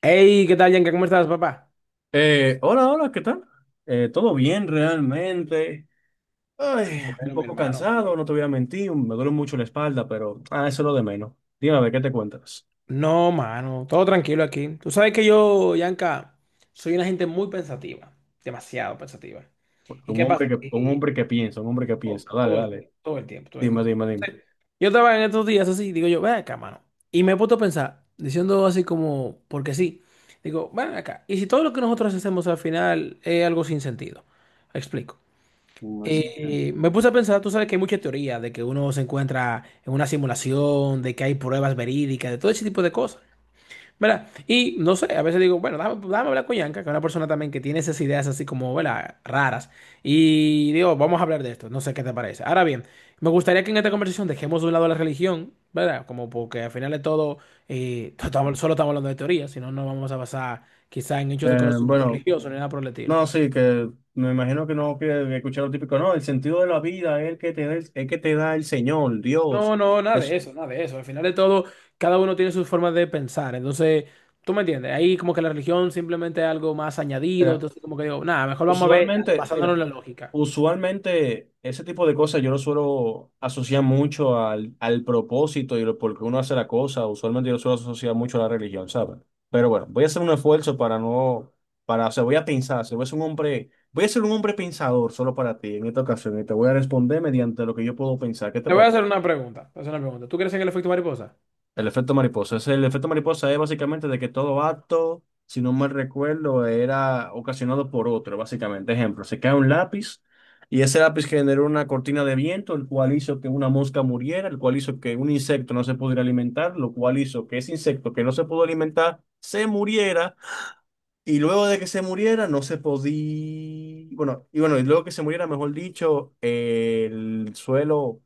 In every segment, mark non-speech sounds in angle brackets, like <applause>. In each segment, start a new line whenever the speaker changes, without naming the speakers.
Hey, ¿qué tal, Yanka? ¿Cómo estás, papá?
Hola, hola, ¿qué tal? Todo bien realmente. Ay, un
Bueno, mi
poco
hermano, qué
cansado,
bueno.
no te voy a mentir, me duele mucho la espalda, pero eso es lo de menos. Dime, a ver, ¿qué te cuentas?
No, mano, todo tranquilo aquí. Tú sabes que yo, Yanka, soy una gente muy pensativa, demasiado pensativa. ¿Y qué pasa?
Un
Que
hombre que piensa, un hombre que
todo,
piensa. Dale,
todo el, tiempo,
dale.
todo el tiempo, todo el
Dime,
tiempo.
dime, dime.
Yo estaba en estos días así, digo yo, ven acá, mano. Y me he puesto a pensar, diciendo así como, porque sí, digo, ven acá. ¿Y si todo lo que nosotros hacemos al final es algo sin sentido? Explico.
Mm, así.
Me puse a pensar, tú sabes que hay mucha teoría de que uno se encuentra en una simulación, de que hay pruebas verídicas, de todo ese tipo de cosas, ¿verdad? Y no sé, a veces digo, bueno, déjame hablar con Yanka, que es una persona también que tiene esas ideas así como, ¿verdad? Raras. Y digo, vamos a hablar de esto, no sé qué te parece. Ahora bien, me gustaría que en esta conversación dejemos de un lado la religión, ¿verdad? Como porque al final de todo, <laughs> solo estamos hablando de teoría, si no, no vamos a basar quizá en hechos de conocimiento
Bueno,
religioso ni nada por el estilo.
no, sí, que me imagino que no quieres escuchar lo típico, no, el sentido de la vida es el que te da el, es que te da el Señor,
No,
Dios.
no, nada de
Es-
eso, nada de eso. Al final de todo, cada uno tiene sus formas de pensar. Entonces, tú me entiendes, ahí como que la religión simplemente es algo más añadido.
eh,
Entonces, como que digo, nada, mejor vamos a ver, dale,
Usualmente,
basándonos
mira,
en la lógica.
usualmente ese tipo de cosas yo lo suelo asociar mucho al propósito y por qué uno hace la cosa. Usualmente yo lo suelo asociar mucho a la religión, ¿sabes? Pero bueno, voy a hacer un esfuerzo para no, para, o sea, voy a pensar, se voy a ser un hombre pensador solo para ti en esta ocasión y te voy a responder mediante lo que yo puedo pensar. ¿Qué te
Te voy a
parece?
hacer una pregunta, te voy a hacer una pregunta. ¿Tú crees en el efecto mariposa?
El efecto mariposa. Es básicamente de que todo acto, si no mal recuerdo, era ocasionado por otro, básicamente. Ejemplo, se cae un lápiz y ese lápiz generó una cortina de viento, el cual hizo que una mosca muriera, el cual hizo que un insecto no se pudiera alimentar, lo cual hizo que ese insecto que no se pudo alimentar se muriera y luego de que se muriera, no se podía. Bueno, y luego que se muriera, mejor dicho, el suelo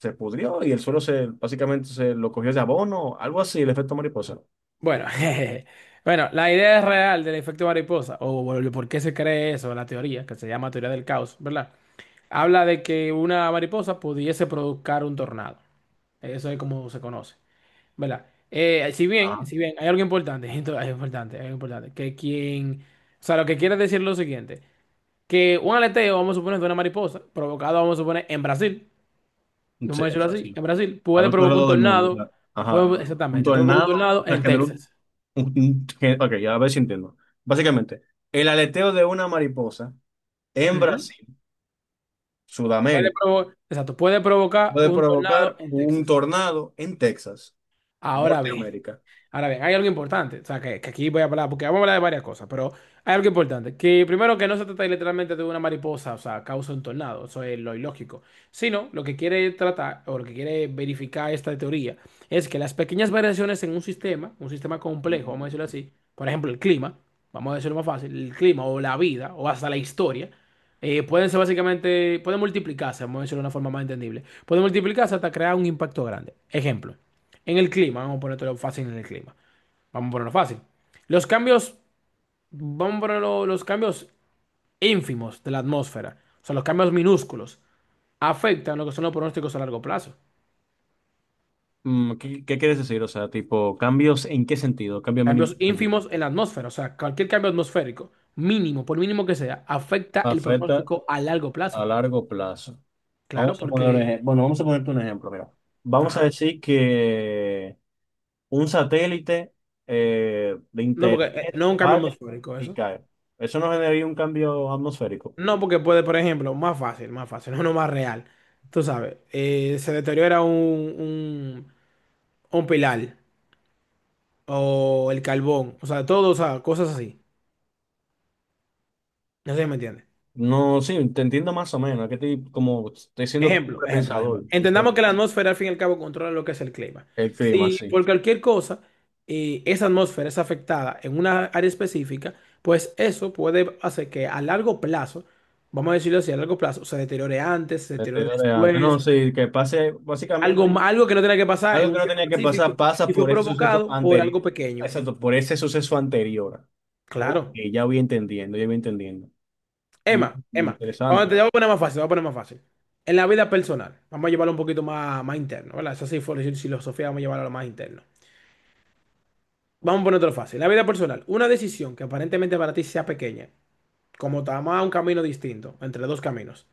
se pudrió y el suelo se básicamente se lo cogió de abono, algo así, el efecto mariposa.
Bueno, <laughs> jeje. Bueno, la idea real del efecto mariposa, o el por qué se cree eso, la teoría, que se llama teoría del caos, ¿verdad? Habla de que una mariposa pudiese provocar un tornado. Eso es como se conoce. ¿Verdad? Si bien,
Ajá.
si bien, hay algo importante, <laughs> hay algo importante, que quien, o sea, lo que quiere decir es lo siguiente, que un aleteo, vamos a suponer, de una mariposa, provocado, vamos a suponer, en Brasil,
Sí,
vamos a decirlo
pues
así,
sí.
en Brasil,
Al
puede
otro
provocar un
lado del mundo,
tornado,
claro. Ajá. Un
exactamente, provoca un
tornado, o
tornado
sea,
en
generó
Texas.
Ok, ya a ver si entiendo. Básicamente, el aleteo de una mariposa en
Ujú.
Brasil, Sudamérica,
Exacto, puede provocar
puede
un tornado
provocar
en
un
Texas.
tornado en Texas,
Ahora bien.
Norteamérica.
Ahora bien, hay algo importante, o sea, que aquí voy a hablar, porque vamos a hablar de varias cosas, pero hay algo importante, que primero que no se trata literalmente de una mariposa, o sea, causa un tornado, eso es lo ilógico, sino lo que quiere tratar o lo que quiere verificar esta teoría es que las pequeñas variaciones en un sistema complejo, vamos a decirlo así, por ejemplo, el clima, vamos a decirlo más fácil, el clima o la vida o hasta la historia, pueden ser básicamente, pueden multiplicarse, vamos a decirlo de una forma más entendible, pueden multiplicarse hasta crear un impacto grande. Ejemplo. En el clima, vamos a ponértelo fácil en el clima. Vamos a ponerlo fácil. Los cambios, vamos a ponerlo, los cambios ínfimos de la atmósfera, o sea, los cambios minúsculos, afectan lo que son los pronósticos a largo plazo.
Mm. ¿Qué quieres decir? O sea, tipo, ¿cambios en qué sentido? Cambio mínimo
Cambios
importante.
ínfimos en la atmósfera, o sea, cualquier cambio atmosférico, mínimo, por mínimo que sea, afecta el
Afecta
pronóstico a largo
a
plazo.
largo plazo.
Claro,
Vamos a poner, un
porque.
ejem- Bueno, vamos a ponerte un ejemplo, mira. Vamos a
Ajá.
decir que un satélite de
No, porque
internet
no es un cambio
falla
atmosférico
y
eso.
cae. Eso no generaría un cambio atmosférico.
No, porque puede, por ejemplo, más fácil, no, no más real. Tú sabes, se deteriora un, un pilar o el carbón, o sea, todo, o sea, cosas así. No sé si me entiendes.
No, sí, te entiendo más o menos. Como estoy siendo tu
Ejemplo, ejemplo,
pensador,
ejemplo.
es lo
Entendamos
que
que la
pasa.
atmósfera al fin y al cabo controla lo que es el clima.
El clima,
Si
sí.
por cualquier cosa esa atmósfera es afectada en una área específica, pues eso puede hacer que a largo plazo, vamos a decirlo así, a largo plazo, se deteriore antes, se
Te
deteriore
digo de antes. No,
después,
sí, que pase básicamente.
algo que no tenía que pasar en
Algo que
un
no
tiempo
tenía que pasar
específico
pasa
y fue
por ese suceso
provocado por
anterior.
algo pequeño.
Exacto, por ese suceso anterior. Ok,
Claro.
ya voy entendiendo, ya voy entendiendo. Mm,
Emma, Emma, vamos,
interesante.
te voy a poner más fácil, te voy a poner más fácil. En la vida personal, vamos a llevarlo un poquito más, más interno, ¿verdad? Esa sí fue la filosofía, vamos a llevarlo a lo más interno. Vamos a poner otro fácil. En la vida personal, una decisión que aparentemente para ti sea pequeña, como tomar un camino distinto, entre dos caminos,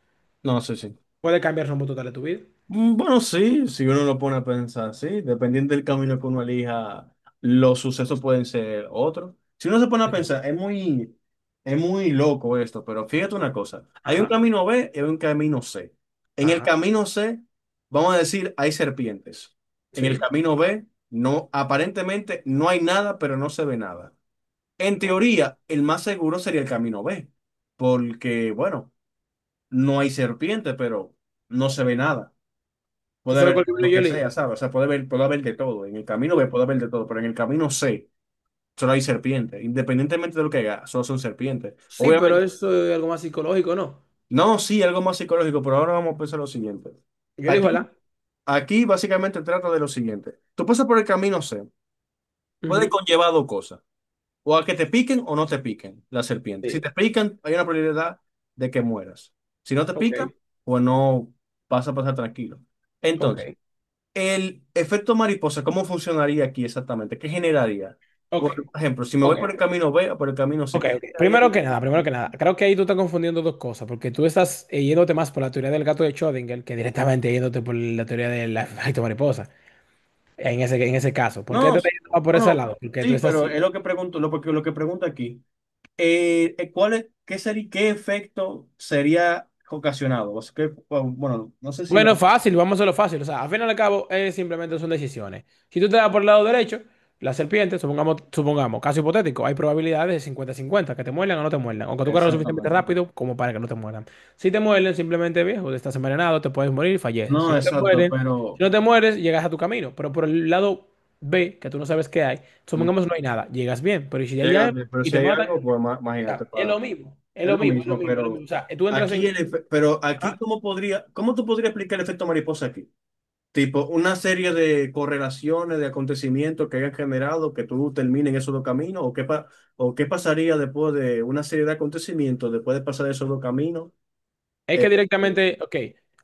No, sé sí.
puede cambiar el rumbo total de tu vida.
Bueno, sí, si uno lo pone a pensar, sí, dependiendo del camino que uno elija, los sucesos pueden ser otros. Si uno se pone a
Venga.
pensar, es muy loco esto, pero fíjate una cosa, hay un
Ajá,
camino B y hay un camino C. En el
ajá,
camino C, vamos a decir, hay serpientes. En el
sí.
camino B, no, aparentemente no hay nada, pero no se ve nada. En teoría, el más seguro sería el camino B, porque, bueno, no hay serpiente, pero no se ve nada.
¿Tú
Puede
sabes cuál
haber
libro
lo
yo
que sea,
elijo?
¿sabes? O sea, puede haber de todo. En el camino B
Tú-
puede haber de todo, pero en el camino C solo hay serpientes. Independientemente de lo que haga, solo son serpientes.
Sí, pero
Obviamente,
eso es algo más psicológico, ¿no?
no, sí, algo más psicológico, pero ahora vamos a pensar lo siguiente.
Yo
Aquí,
elijo el A.
aquí básicamente trata de lo siguiente. Tú pasas por el camino C, puede
Ujú.
conllevar dos cosas. O a que te piquen o no te piquen las serpientes. Si
Sí.
te pican, hay una probabilidad de que mueras. Si no te
Ok,
pica, pues no vas a pasar tranquilo.
ok,
Entonces, el efecto mariposa, ¿cómo funcionaría aquí exactamente? ¿Qué generaría?
ok,
Por ejemplo, si me voy
ok.
por el camino B o por el camino C,
Ok,
¿qué
ok.
generaría
Primero
ahí?
que nada, primero que nada, creo que ahí tú estás confundiendo dos cosas, porque tú estás yéndote más por la teoría del gato de Schrödinger que directamente yéndote por la teoría del <laughs> efecto mariposa, en ese caso. ¿Por qué
No,
te estás yendo más por ese
bueno,
lado? Porque tú
sí,
estás.
pero es lo que pregunto, porque lo que pregunto aquí. ¿Cuál es, qué sería, qué efecto sería ocasionado? O sea, que, bueno, no sé si me.
Bueno, fácil, vamos a lo fácil. O sea, al final y al cabo, simplemente son decisiones. Si tú te das por el lado derecho, la serpiente, supongamos, caso hipotético, hay probabilidades de 50 cincuenta que te muerdan o no te muerdan, o que tú corras lo suficientemente
Exactamente.
rápido como para que no te muerdan. Si te muerden, simplemente viejo, estás envenenado, te puedes morir y falleces.
No,
Si no te
exacto,
mueren, si
pero.
no te mueres, llegas a tu camino. Pero por el lado B, que tú no sabes qué hay,
Mm.
supongamos no hay nada, llegas bien, pero ¿y si ahí hay
Llega,
algo
pero
y
si
te
hay
matan?
algo,
O
pues
sea,
imagínate,
es
para.
lo mismo, es
Es
lo
lo
mismo, es lo
mismo,
mismo, es lo
pero
mismo. O sea, tú entras
aquí el
en.
efe- pero aquí
¿Ah?
¿cómo podría, cómo tú podrías explicar el efecto mariposa aquí? Tipo, una serie de correlaciones, de acontecimientos que hayan generado que tú termines en esos dos caminos, o qué pasaría después de una serie de acontecimientos, después de pasar esos dos caminos.
Es que
Eh,
directamente, ok,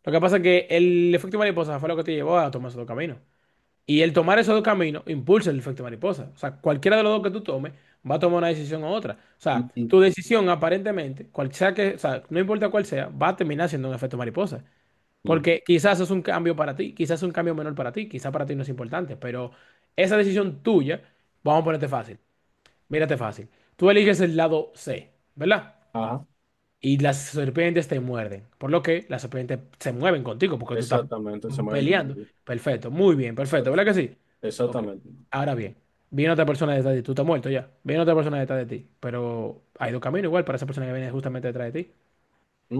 lo que pasa es que el efecto mariposa fue lo que te llevó a tomar esos dos caminos. Y el tomar esos dos caminos impulsa el efecto mariposa. O sea, cualquiera de los dos que tú tomes va a tomar una decisión u otra. O sea,
mm, mm,
tu decisión aparentemente, cual sea que, o sea, no importa cuál sea, va a terminar siendo un efecto mariposa.
mm.
Porque quizás es un cambio para ti, quizás es un cambio menor para ti, quizás para ti no es importante, pero esa decisión tuya, vamos a ponerte fácil, mírate fácil. Tú eliges el lado C, ¿verdad?
Ajá,
Y las serpientes te muerden. Por lo que las serpientes se mueven contigo porque tú estás
exactamente, se me había
peleando.
confundido.
Perfecto, muy bien,
Exa-
perfecto, ¿verdad que sí? Ok,
Exactamente.
ahora bien, viene otra persona detrás de ti, tú estás muerto ya, viene otra persona detrás de ti, pero hay dos caminos igual para esa persona que viene justamente detrás de ti.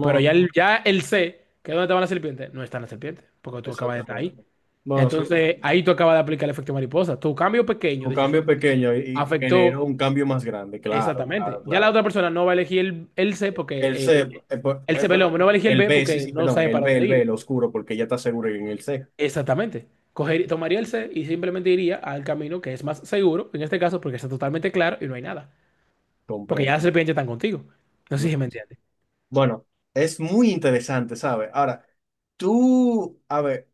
Pero ya el C, que es donde estaban las serpientes, no están las serpientes, porque tú acabas de estar
exactamente.
ahí.
Bueno, sí,
Entonces, ahí tú acabas de aplicar el efecto mariposa. Tu cambio pequeño,
un
decisión
cambio
pequeña,
pequeño y
afectó
generó un cambio más grande, claro, claro,
exactamente. Ya la
claro.
otra persona no va a elegir el C porque
El
el
C,
el C, perdón,
por-
no va a elegir el
El
B
B, sí,
porque
sí,
no
perdón,
sabe
el
para
B, el
dónde
B,
ir.
el oscuro, porque ya está seguro en el C.
Exactamente. Tomaría el C y simplemente iría al camino que es más seguro, en este caso, porque está totalmente claro y no hay nada. Porque
Compré.
ya las serpientes están contigo. No sé
No.
si me entiendes.
Bueno, es muy interesante, ¿sabes? Ahora, a ver,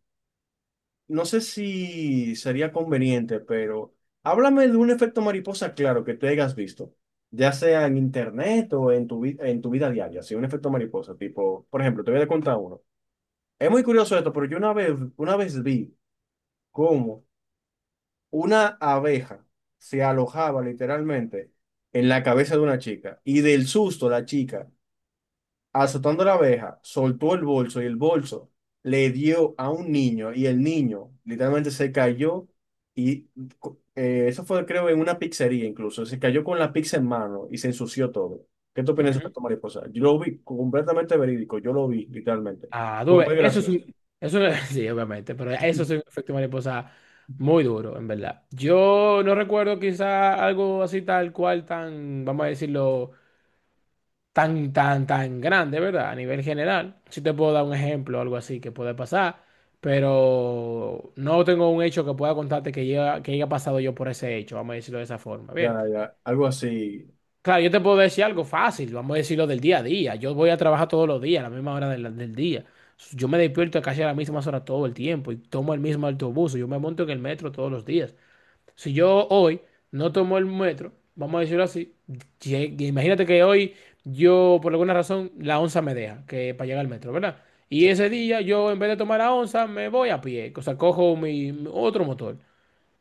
no sé si sería conveniente, pero háblame de un efecto mariposa claro que te hayas visto, ya sea en internet o en tu vida diaria, si un efecto mariposa, tipo, por ejemplo, te voy a contar uno. Es muy curioso esto, pero yo una vez vi cómo una abeja se alojaba literalmente en la cabeza de una chica y del susto la chica, azotando a la abeja, soltó el bolso y el bolso le dio a un niño y el niño literalmente se cayó y eso fue, creo, en una pizzería incluso, se cayó con la pizza en mano y se ensució todo. ¿Qué tú opinas de
Ujú.
esto, mariposa? Yo lo vi completamente verídico, yo lo vi literalmente.
Ah, tú
Fue
ves,
muy
eso es
gracioso.
un. <laughs> Sí, obviamente, pero eso es un efecto mariposa muy duro, en verdad. Yo no recuerdo quizá algo así tal cual, tan, vamos a decirlo tan, tan, tan grande, ¿verdad? A nivel general. Sí te puedo dar un ejemplo o algo así que puede pasar, pero no tengo un hecho que pueda contarte que, que haya pasado yo por ese hecho, vamos a decirlo de esa forma.
Ya,
Bien.
ya, algo así.
Claro, yo te puedo decir algo fácil, vamos a decirlo del día a día. Yo voy a trabajar todos los días, a la misma hora del día. Yo me despierto casi a las mismas horas todo el tiempo y tomo el mismo autobús. Yo me monto en el metro todos los días. Si yo hoy no tomo el metro, vamos a decirlo así, imagínate que hoy yo, por alguna razón, la onza me deja que para llegar al metro, ¿verdad? Y
Sí,
ese día yo, en vez de tomar la onza, me voy a pie, o sea, cojo mi otro motor.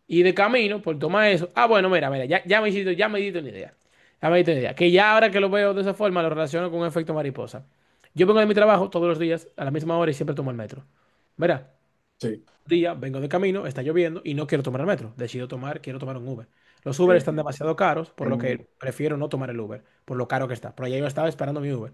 Y de camino, por tomar eso, ah, bueno, mira, mira, ya, ya me hiciste, ya me diste una idea. Ya me diste una idea. Que ya ahora que lo veo de esa forma, lo relaciono con un efecto mariposa. Yo vengo de mi trabajo todos los días, a la misma hora, y siempre tomo el metro. ¿Verdad?
sí.
Día, vengo de camino, está lloviendo y no quiero tomar el metro. Decido tomar, quiero tomar un Uber. Los Uber
Eh,
están demasiado caros, por lo
en-
que prefiero no tomar el Uber, por lo caro que está. Por allá yo estaba esperando mi Uber,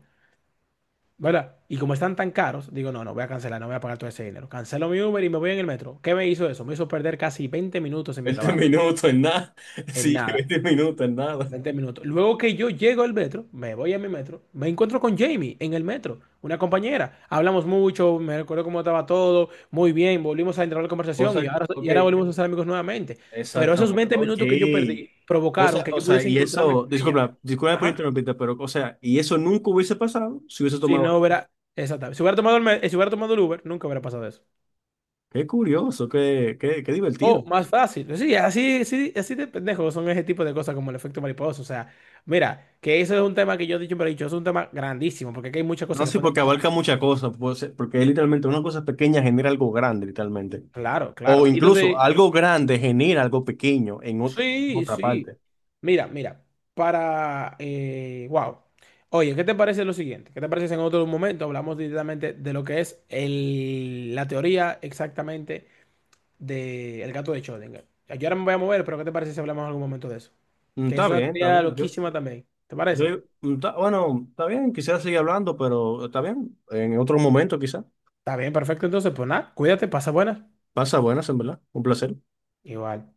¿verdad? Y como están tan caros, digo, no, no, voy a cancelar, no voy a pagar todo ese dinero. Cancelo mi Uber y me voy en el metro. ¿Qué me hizo eso? Me hizo perder casi 20 minutos en mi
20 <laughs>
trabajo,
minutos en nada. <laughs>
en
Sí,
nada.
20 minutos en nada.
20 minutos. Luego que yo llego al metro, me voy a mi metro, me encuentro con Jamie en el metro, una compañera. Hablamos mucho, me recuerdo cómo estaba todo, muy bien, volvimos a entrar a la conversación
Cosa,
y
ok,
ahora volvimos a ser amigos nuevamente. Pero esos
exactamente.
20
Ok.
minutos que yo perdí
O
provocaron
sea,
que
o
yo
sea,
pudiese
y
encontrarme
eso,
con ella.
disculpa, disculpa por
Ajá.
interrumpirte, pero, o sea, y eso nunca hubiese pasado si hubiese
Si
tomado.
no hubiera, exactamente. Si hubiera tomado el, si hubiera tomado el Uber, nunca hubiera pasado eso.
Qué curioso, qué divertido.
O más fácil. Sí, así de pendejos son ese tipo de cosas como el efecto mariposa. O sea, mira, que eso es un tema que yo siempre he dicho, es un tema grandísimo, porque aquí hay muchas
No
cosas que
sé,
pueden
porque
pasar.
abarca muchas cosas, puede ser porque es literalmente una cosa pequeña genera algo grande, literalmente.
Claro,
O
claro. Y
incluso
entonces,
algo grande genera algo pequeño en
sí,
otra
sí.
parte.
Mira, mira, para. Wow. Oye, ¿qué te parece lo siguiente? ¿Qué te parece si en otro momento hablamos directamente de lo que es el, la teoría exactamente del gato de Schrödinger? Yo ahora me voy a mover, pero ¿qué te parece si hablamos en algún momento de eso?
Mm.
Que es
Está
una
bien, está
teoría
bien. Yo.
loquísima también. ¿Te
Yo,
parece?
bueno, está bien, quisiera seguir hablando, pero está bien, en otro momento quizá.
Está bien, perfecto. Entonces, pues nada, cuídate, pasa buenas.
Pasa buenas, en verdad. Un placer.
Igual.